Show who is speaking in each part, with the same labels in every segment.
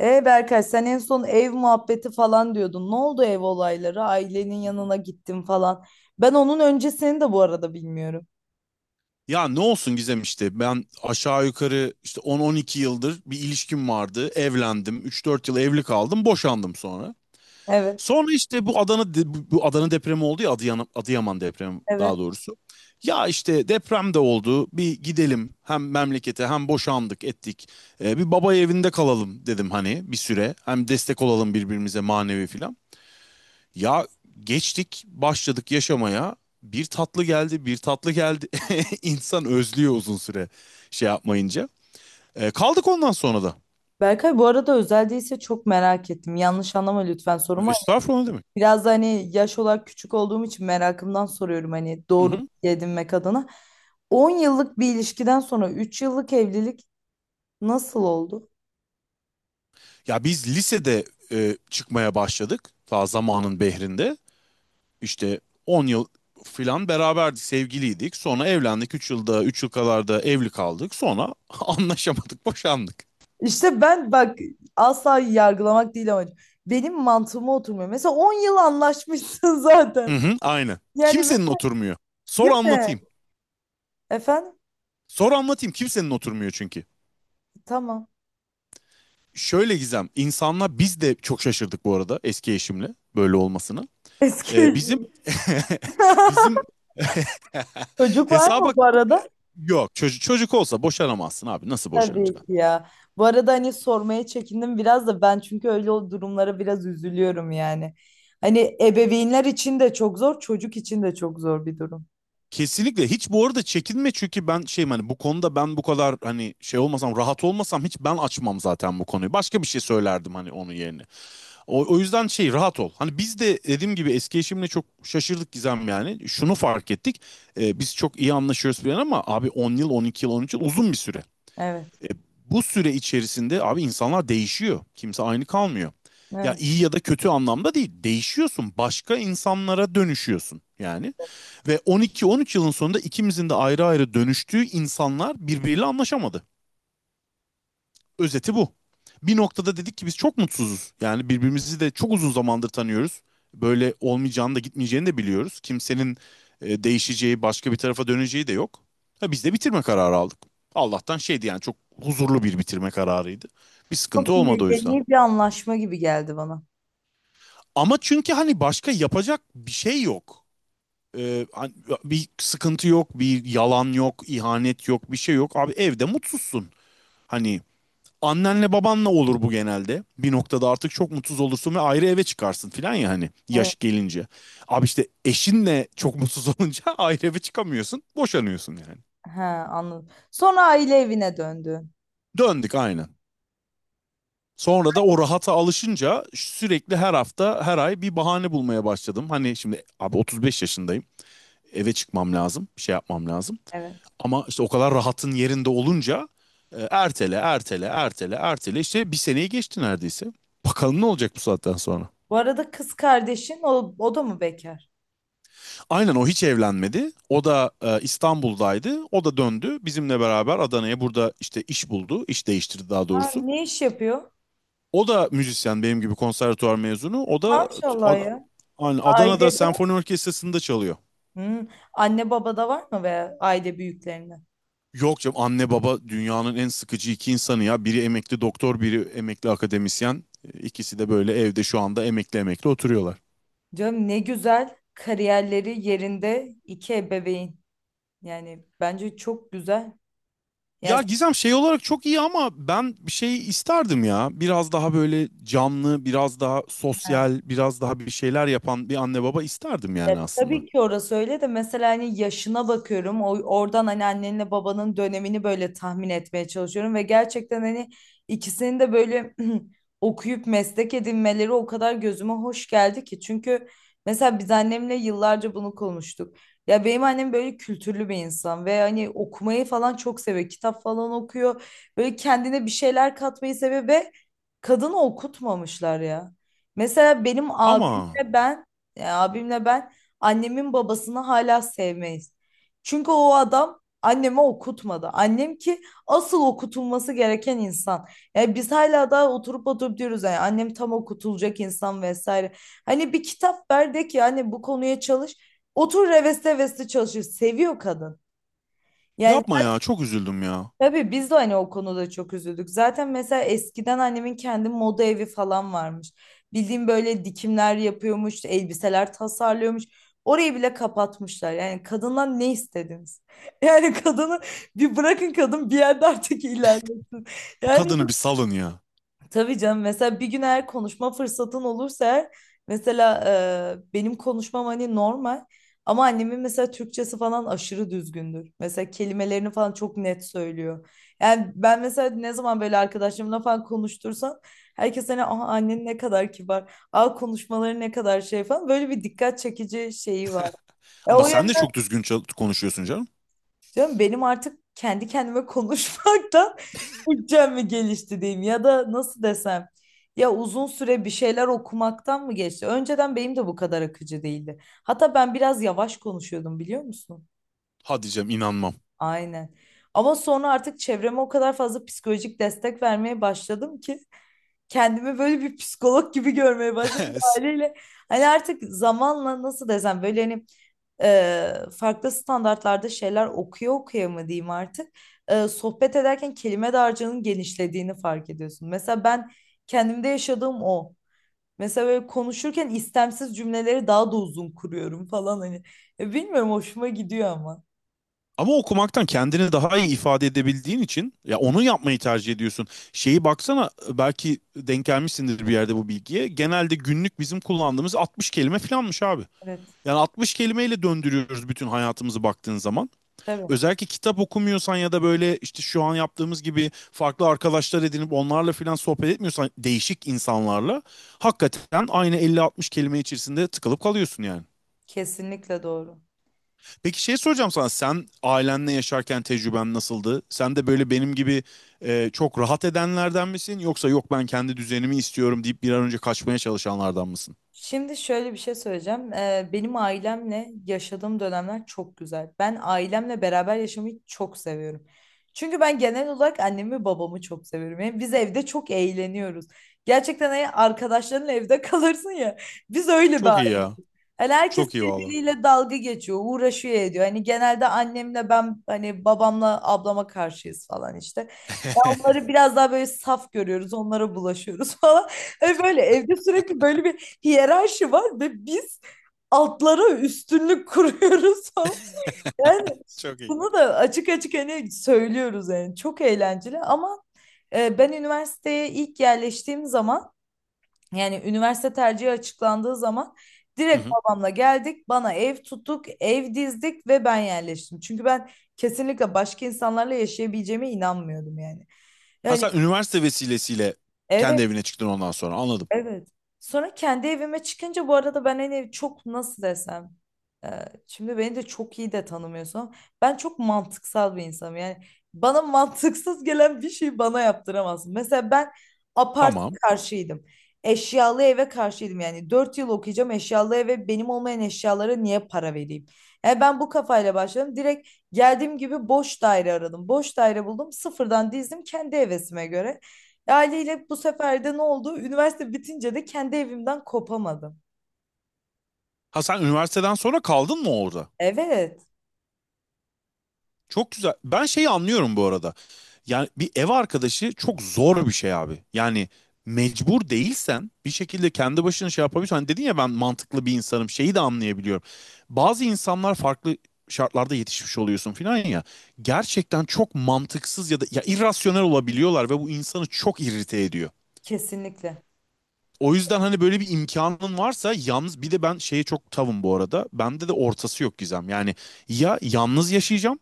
Speaker 1: E Berkay sen en son ev muhabbeti falan diyordun. Ne oldu ev olayları? Ailenin yanına gittin falan. Ben onun öncesini de bu arada bilmiyorum.
Speaker 2: Ya ne olsun Gizem ben aşağı yukarı 10-12 yıldır bir ilişkim vardı. Evlendim. 3-4 yıl evli kaldım. Boşandım sonra.
Speaker 1: Evet,
Speaker 2: Sonra işte bu bu Adana depremi oldu ya Adıyaman depremi
Speaker 1: evet.
Speaker 2: daha doğrusu. Ya işte deprem de oldu. Bir gidelim hem memlekete hem boşandık ettik. Bir baba evinde kalalım dedim hani bir süre. Hem destek olalım birbirimize manevi filan. Ya geçtik başladık yaşamaya. Bir tatlı geldi, bir tatlı geldi. İnsan özlüyor uzun süre şey yapmayınca. Kaldık ondan sonra da.
Speaker 1: Berkay bu arada özel değilse çok merak ettim. Yanlış anlama lütfen sorumu.
Speaker 2: Estağfurullah, ne demek.
Speaker 1: Biraz da hani yaş olarak küçük olduğum için merakımdan soruyorum hani
Speaker 2: Hı
Speaker 1: doğru
Speaker 2: hı.
Speaker 1: bilgi edinmek adına. 10 yıllık bir ilişkiden sonra 3 yıllık evlilik nasıl oldu?
Speaker 2: Ya biz lisede çıkmaya başladık. Ta zamanın behrinde. İşte 10 yıl filan beraberdik, sevgiliydik. Sonra evlendik. Üç yıl kadar da evli kaldık. Sonra anlaşamadık, boşandık.
Speaker 1: İşte ben bak asla yargılamak değil amacım. Benim mantığıma oturmuyor. Mesela 10 yıl anlaşmışsın
Speaker 2: Hı
Speaker 1: zaten.
Speaker 2: hı, aynen.
Speaker 1: Yani
Speaker 2: Kimsenin
Speaker 1: ben-
Speaker 2: oturmuyor. Sor
Speaker 1: Değil mi?
Speaker 2: anlatayım.
Speaker 1: Efendim?
Speaker 2: Sor anlatayım, kimsenin oturmuyor çünkü.
Speaker 1: Tamam.
Speaker 2: Şöyle Gizem, insanlar biz de çok şaşırdık bu arada eski eşimle böyle olmasını.
Speaker 1: Eski eşim.
Speaker 2: Bizim bizim
Speaker 1: Çocuk var mı
Speaker 2: hesaba
Speaker 1: bu arada?
Speaker 2: yok. Çocuk olsa boşanamazsın abi. Nasıl boşanacaksın?
Speaker 1: Tabii ki ya. Bu arada hani sormaya çekindim biraz da ben çünkü öyle o durumlara biraz üzülüyorum yani. Hani ebeveynler için de çok zor, çocuk için de çok zor bir durum.
Speaker 2: Kesinlikle, hiç bu arada çekinme çünkü ben şeyim hani bu konuda, ben bu kadar hani şey olmasam, rahat olmasam hiç ben açmam zaten bu konuyu. Başka bir şey söylerdim hani onun yerine. O yüzden şey, rahat ol. Hani biz de dediğim gibi eski eşimle çok şaşırdık Gizem yani. Şunu fark ettik. Biz çok iyi anlaşıyoruz falan ama abi 10 yıl, 12 yıl, 13 yıl uzun bir süre.
Speaker 1: Evet,
Speaker 2: Bu süre içerisinde abi insanlar değişiyor. Kimse aynı kalmıyor. Ya
Speaker 1: evet.
Speaker 2: iyi ya da kötü anlamda değil. Değişiyorsun. Başka insanlara dönüşüyorsun yani. Ve 12-13 yılın sonunda ikimizin de ayrı ayrı dönüştüğü insanlar birbiriyle anlaşamadı. Özeti bu. Bir noktada dedik ki biz çok mutsuzuz. Yani birbirimizi de çok uzun zamandır tanıyoruz. Böyle olmayacağını da gitmeyeceğini de biliyoruz. Kimsenin değişeceği, başka bir tarafa döneceği de yok. Ha, biz de bitirme kararı aldık. Allah'tan şeydi yani, çok huzurlu bir bitirme kararıydı. Bir sıkıntı
Speaker 1: Çok
Speaker 2: olmadı o yüzden.
Speaker 1: medeni bir anlaşma gibi geldi bana.
Speaker 2: Ama çünkü hani başka yapacak bir şey yok. Hani bir sıkıntı yok, bir yalan yok, ihanet yok, bir şey yok. Abi evde mutsuzsun. Hani annenle babanla olur bu genelde. Bir noktada artık çok mutsuz olursun ve ayrı eve çıkarsın filan ya hani
Speaker 1: Evet.
Speaker 2: yaş gelince. Abi işte eşinle çok mutsuz olunca ayrı eve çıkamıyorsun. Boşanıyorsun yani.
Speaker 1: He, anladım. Sonra aile evine döndün.
Speaker 2: Döndük aynen. Sonra da o rahata alışınca sürekli her hafta her ay bir bahane bulmaya başladım. Hani şimdi abi 35 yaşındayım. Eve çıkmam lazım. Bir şey yapmam lazım.
Speaker 1: Evet.
Speaker 2: Ama işte o kadar rahatın yerinde olunca ertele ertele ertele ertele işte bir seneyi geçti neredeyse. Bakalım ne olacak bu saatten sonra.
Speaker 1: Bu arada kız kardeşin o da mı bekar?
Speaker 2: Aynen, o hiç evlenmedi. O da İstanbul'daydı. O da döndü. Bizimle beraber Adana'ya, burada işte iş buldu. İş değiştirdi daha
Speaker 1: Ha,
Speaker 2: doğrusu.
Speaker 1: ne iş yapıyor?
Speaker 2: O da müzisyen, benim gibi konservatuvar mezunu. O da t-
Speaker 1: Maşallah
Speaker 2: Ad-
Speaker 1: ya.
Speaker 2: aynen Adana'da
Speaker 1: Ailede var.
Speaker 2: senfoni orkestrasında çalıyor.
Speaker 1: Hmm, Anne babada var mı veya aile büyüklerinde?
Speaker 2: Yok canım, anne baba dünyanın en sıkıcı iki insanı ya. Biri emekli doktor, biri emekli akademisyen. İkisi de böyle evde şu anda emekli emekli oturuyorlar.
Speaker 1: Canım ne güzel kariyerleri yerinde iki ebeveyn. Yani bence çok güzel. Yani
Speaker 2: Ya Gizem şey olarak çok iyi ama ben bir şey isterdim ya. Biraz daha böyle canlı, biraz daha sosyal, biraz daha bir şeyler yapan bir anne baba isterdim
Speaker 1: ya
Speaker 2: yani aslında.
Speaker 1: tabii ki orası öyle de mesela hani yaşına bakıyorum. O, oradan hani annenle babanın dönemini böyle tahmin etmeye çalışıyorum ve gerçekten hani ikisinin de böyle okuyup meslek edinmeleri o kadar gözüme hoş geldi ki. Çünkü mesela biz annemle yıllarca bunu konuştuk. Ya benim annem böyle kültürlü bir insan ve hani okumayı falan çok seviyor. Kitap falan okuyor. Böyle kendine bir şeyler katmayı seviyor ve kadını okutmamışlar ya. Mesela benim
Speaker 2: Ama
Speaker 1: abimle ben, ya abimle ben annemin babasını hala sevmeyiz. Çünkü o adam anneme okutmadı. Annem ki asıl okutulması gereken insan. Yani biz hala daha oturup oturup diyoruz yani annem tam okutulacak insan vesaire. Hani bir kitap ver de ki hani bu konuya çalış. Otur reveste reveste çalışır. Seviyor kadın. Yani
Speaker 2: yapma ya, çok üzüldüm ya.
Speaker 1: tabii biz de hani o konuda çok üzüldük. Zaten mesela eskiden annemin kendi moda evi falan varmış. Bildiğim böyle dikimler yapıyormuş, elbiseler tasarlıyormuş. Orayı bile kapatmışlar. Yani kadından ne istediniz? Yani kadını bir bırakın kadın bir yerde artık ilerlesin.
Speaker 2: Bu
Speaker 1: Yani
Speaker 2: kadını bir salın ya.
Speaker 1: tabii canım mesela bir gün eğer konuşma fırsatın olursa eğer, mesela benim konuşmam hani normal ama annemin mesela Türkçesi falan aşırı düzgündür. Mesela kelimelerini falan çok net söylüyor. Yani ben mesela ne zaman böyle arkadaşlarımla falan konuştursam herkes hani aa, annen ne kadar kibar, aa, konuşmaları ne kadar şey falan böyle bir dikkat çekici şeyi var.
Speaker 2: Ama
Speaker 1: O,
Speaker 2: sen de çok düzgün konuşuyorsun canım.
Speaker 1: canım, benim artık kendi kendime konuşmaktan Türkçem mi gelişti diyeyim ya da nasıl desem, ya uzun süre bir şeyler okumaktan mı geçti? Önceden benim de bu kadar akıcı değildi. Hatta ben biraz yavaş konuşuyordum biliyor musun?
Speaker 2: Hadi canım, inanmam.
Speaker 1: Aynen. Ama sonra artık çevreme o kadar fazla psikolojik destek vermeye başladım ki kendimi böyle bir psikolog gibi görmeye başladım haliyle. Hani artık zamanla nasıl desem böyle hani e, farklı standartlarda şeyler okuya okuya mı diyeyim artık sohbet ederken kelime dağarcığının genişlediğini fark ediyorsun. Mesela ben kendimde yaşadığım o. Mesela böyle konuşurken istemsiz cümleleri daha da uzun kuruyorum falan hani. Bilmiyorum hoşuma gidiyor ama.
Speaker 2: Ama okumaktan kendini daha iyi ifade edebildiğin için ya onu yapmayı tercih ediyorsun. Şeyi baksana, belki denk gelmişsindir bir yerde bu bilgiye. Genelde günlük bizim kullandığımız 60 kelime falanmış abi.
Speaker 1: Evet,
Speaker 2: Yani 60 kelimeyle döndürüyoruz bütün hayatımızı baktığın zaman.
Speaker 1: tabii.
Speaker 2: Özellikle kitap okumuyorsan ya da böyle işte şu an yaptığımız gibi farklı arkadaşlar edinip onlarla filan sohbet etmiyorsan değişik insanlarla hakikaten aynı 50-60 kelime içerisinde tıkılıp kalıyorsun yani.
Speaker 1: Kesinlikle doğru.
Speaker 2: Peki şey soracağım sana, sen ailenle yaşarken tecrüben nasıldı? Sen de böyle benim gibi çok rahat edenlerden misin, yoksa yok ben kendi düzenimi istiyorum deyip bir an önce kaçmaya çalışanlardan mısın?
Speaker 1: Şimdi şöyle bir şey söyleyeceğim. Benim ailemle yaşadığım dönemler çok güzel. Ben ailemle beraber yaşamayı çok seviyorum. Çünkü ben genel olarak annemi ve babamı çok seviyorum. Yani biz evde çok eğleniyoruz. Gerçekten hani arkadaşlarınla evde kalırsın ya. Biz öyle bir
Speaker 2: Çok iyi
Speaker 1: aile.
Speaker 2: ya.
Speaker 1: Hani herkes
Speaker 2: Çok iyi valla.
Speaker 1: birbiriyle dalga geçiyor, uğraşıyor ediyor. Hani genelde annemle ben hani babamla ablama karşıyız falan işte. Onları biraz daha böyle saf görüyoruz, onlara bulaşıyoruz falan. E böyle evde sürekli böyle bir hiyerarşi var ve biz altlara üstünlük kuruyoruz falan. Yani
Speaker 2: Çok iyi.
Speaker 1: bunu da açık açık hani söylüyoruz yani çok eğlenceli ama ben üniversiteye ilk yerleştiğim zaman yani üniversite tercihi açıklandığı zaman
Speaker 2: Hı
Speaker 1: direkt
Speaker 2: hı.
Speaker 1: babamla geldik bana ev tuttuk ev dizdik ve ben yerleştim. Çünkü ben kesinlikle başka insanlarla yaşayabileceğime inanmıyordum yani. Yani
Speaker 2: Hasan üniversite vesilesiyle
Speaker 1: evet.
Speaker 2: kendi evine çıktın ondan sonra, anladım.
Speaker 1: Evet. Sonra kendi evime çıkınca bu arada ben hani çok nasıl desem, e, şimdi beni de çok iyi de tanımıyorsun. Ben çok mantıksal bir insanım. Yani bana mantıksız gelen bir şeyi bana yaptıramazsın. Mesela ben apart
Speaker 2: Tamam.
Speaker 1: karşıydım. Eşyalı eve karşıydım. Yani 4 yıl okuyacağım eşyalı eve benim olmayan eşyalara niye para vereyim? Yani ben bu kafayla başladım. Direkt geldiğim gibi boş daire aradım. Boş daire buldum. Sıfırdan dizdim kendi hevesime göre. Aileyle bu sefer de ne oldu? Üniversite bitince de kendi evimden kopamadım.
Speaker 2: Hasan üniversiteden sonra kaldın mı orada?
Speaker 1: Evet,
Speaker 2: Çok güzel. Ben şeyi anlıyorum bu arada. Yani bir ev arkadaşı çok zor bir şey abi. Yani mecbur değilsen bir şekilde kendi başına şey yapabiliyorsun. Hani dedin ya ben mantıklı bir insanım, şeyi de anlayabiliyorum. Bazı insanlar farklı şartlarda yetişmiş oluyorsun filan ya. Gerçekten çok mantıksız ya da ya irrasyonel olabiliyorlar ve bu insanı çok irrite ediyor.
Speaker 1: kesinlikle.
Speaker 2: O yüzden hani böyle bir imkanın varsa yalnız, bir de ben şeye çok tavım bu arada. Bende de ortası yok Gizem. Yani ya yalnız yaşayacağım,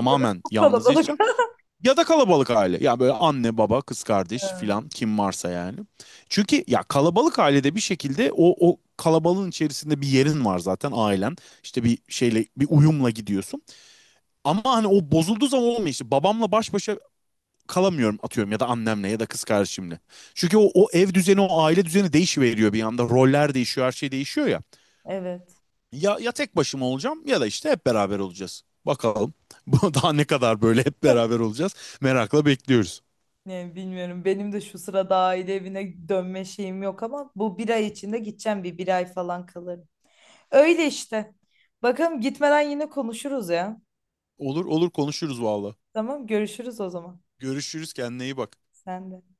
Speaker 1: Ya da çok
Speaker 2: yalnız
Speaker 1: kalabalık.
Speaker 2: yaşayacağım ya da kalabalık aile. Ya böyle anne, baba, kız kardeş
Speaker 1: Ha,
Speaker 2: filan kim varsa yani. Çünkü ya kalabalık ailede bir şekilde o kalabalığın içerisinde bir yerin var zaten ailen. İşte bir şeyle bir uyumla gidiyorsun. Ama hani o bozulduğu zaman olmuyor işte. Babamla baş başa kalamıyorum atıyorum, ya da annemle ya da kız kardeşimle. Çünkü o ev düzeni, o aile düzeni değişiveriyor bir anda. Roller değişiyor, her şey değişiyor ya.
Speaker 1: evet.
Speaker 2: Ya, ya tek başıma olacağım ya da işte hep beraber olacağız. Bakalım. Daha ne kadar böyle hep beraber olacağız? Merakla bekliyoruz.
Speaker 1: Ne bilmiyorum. Benim de şu sırada aile evine dönme şeyim yok ama bu bir ay içinde gideceğim, bir ay falan kalırım. Öyle işte. Bakalım gitmeden yine konuşuruz ya.
Speaker 2: Olur olur, konuşuruz valla.
Speaker 1: Tamam, görüşürüz o zaman.
Speaker 2: Görüşürüz, kendine iyi bak.
Speaker 1: Sen de.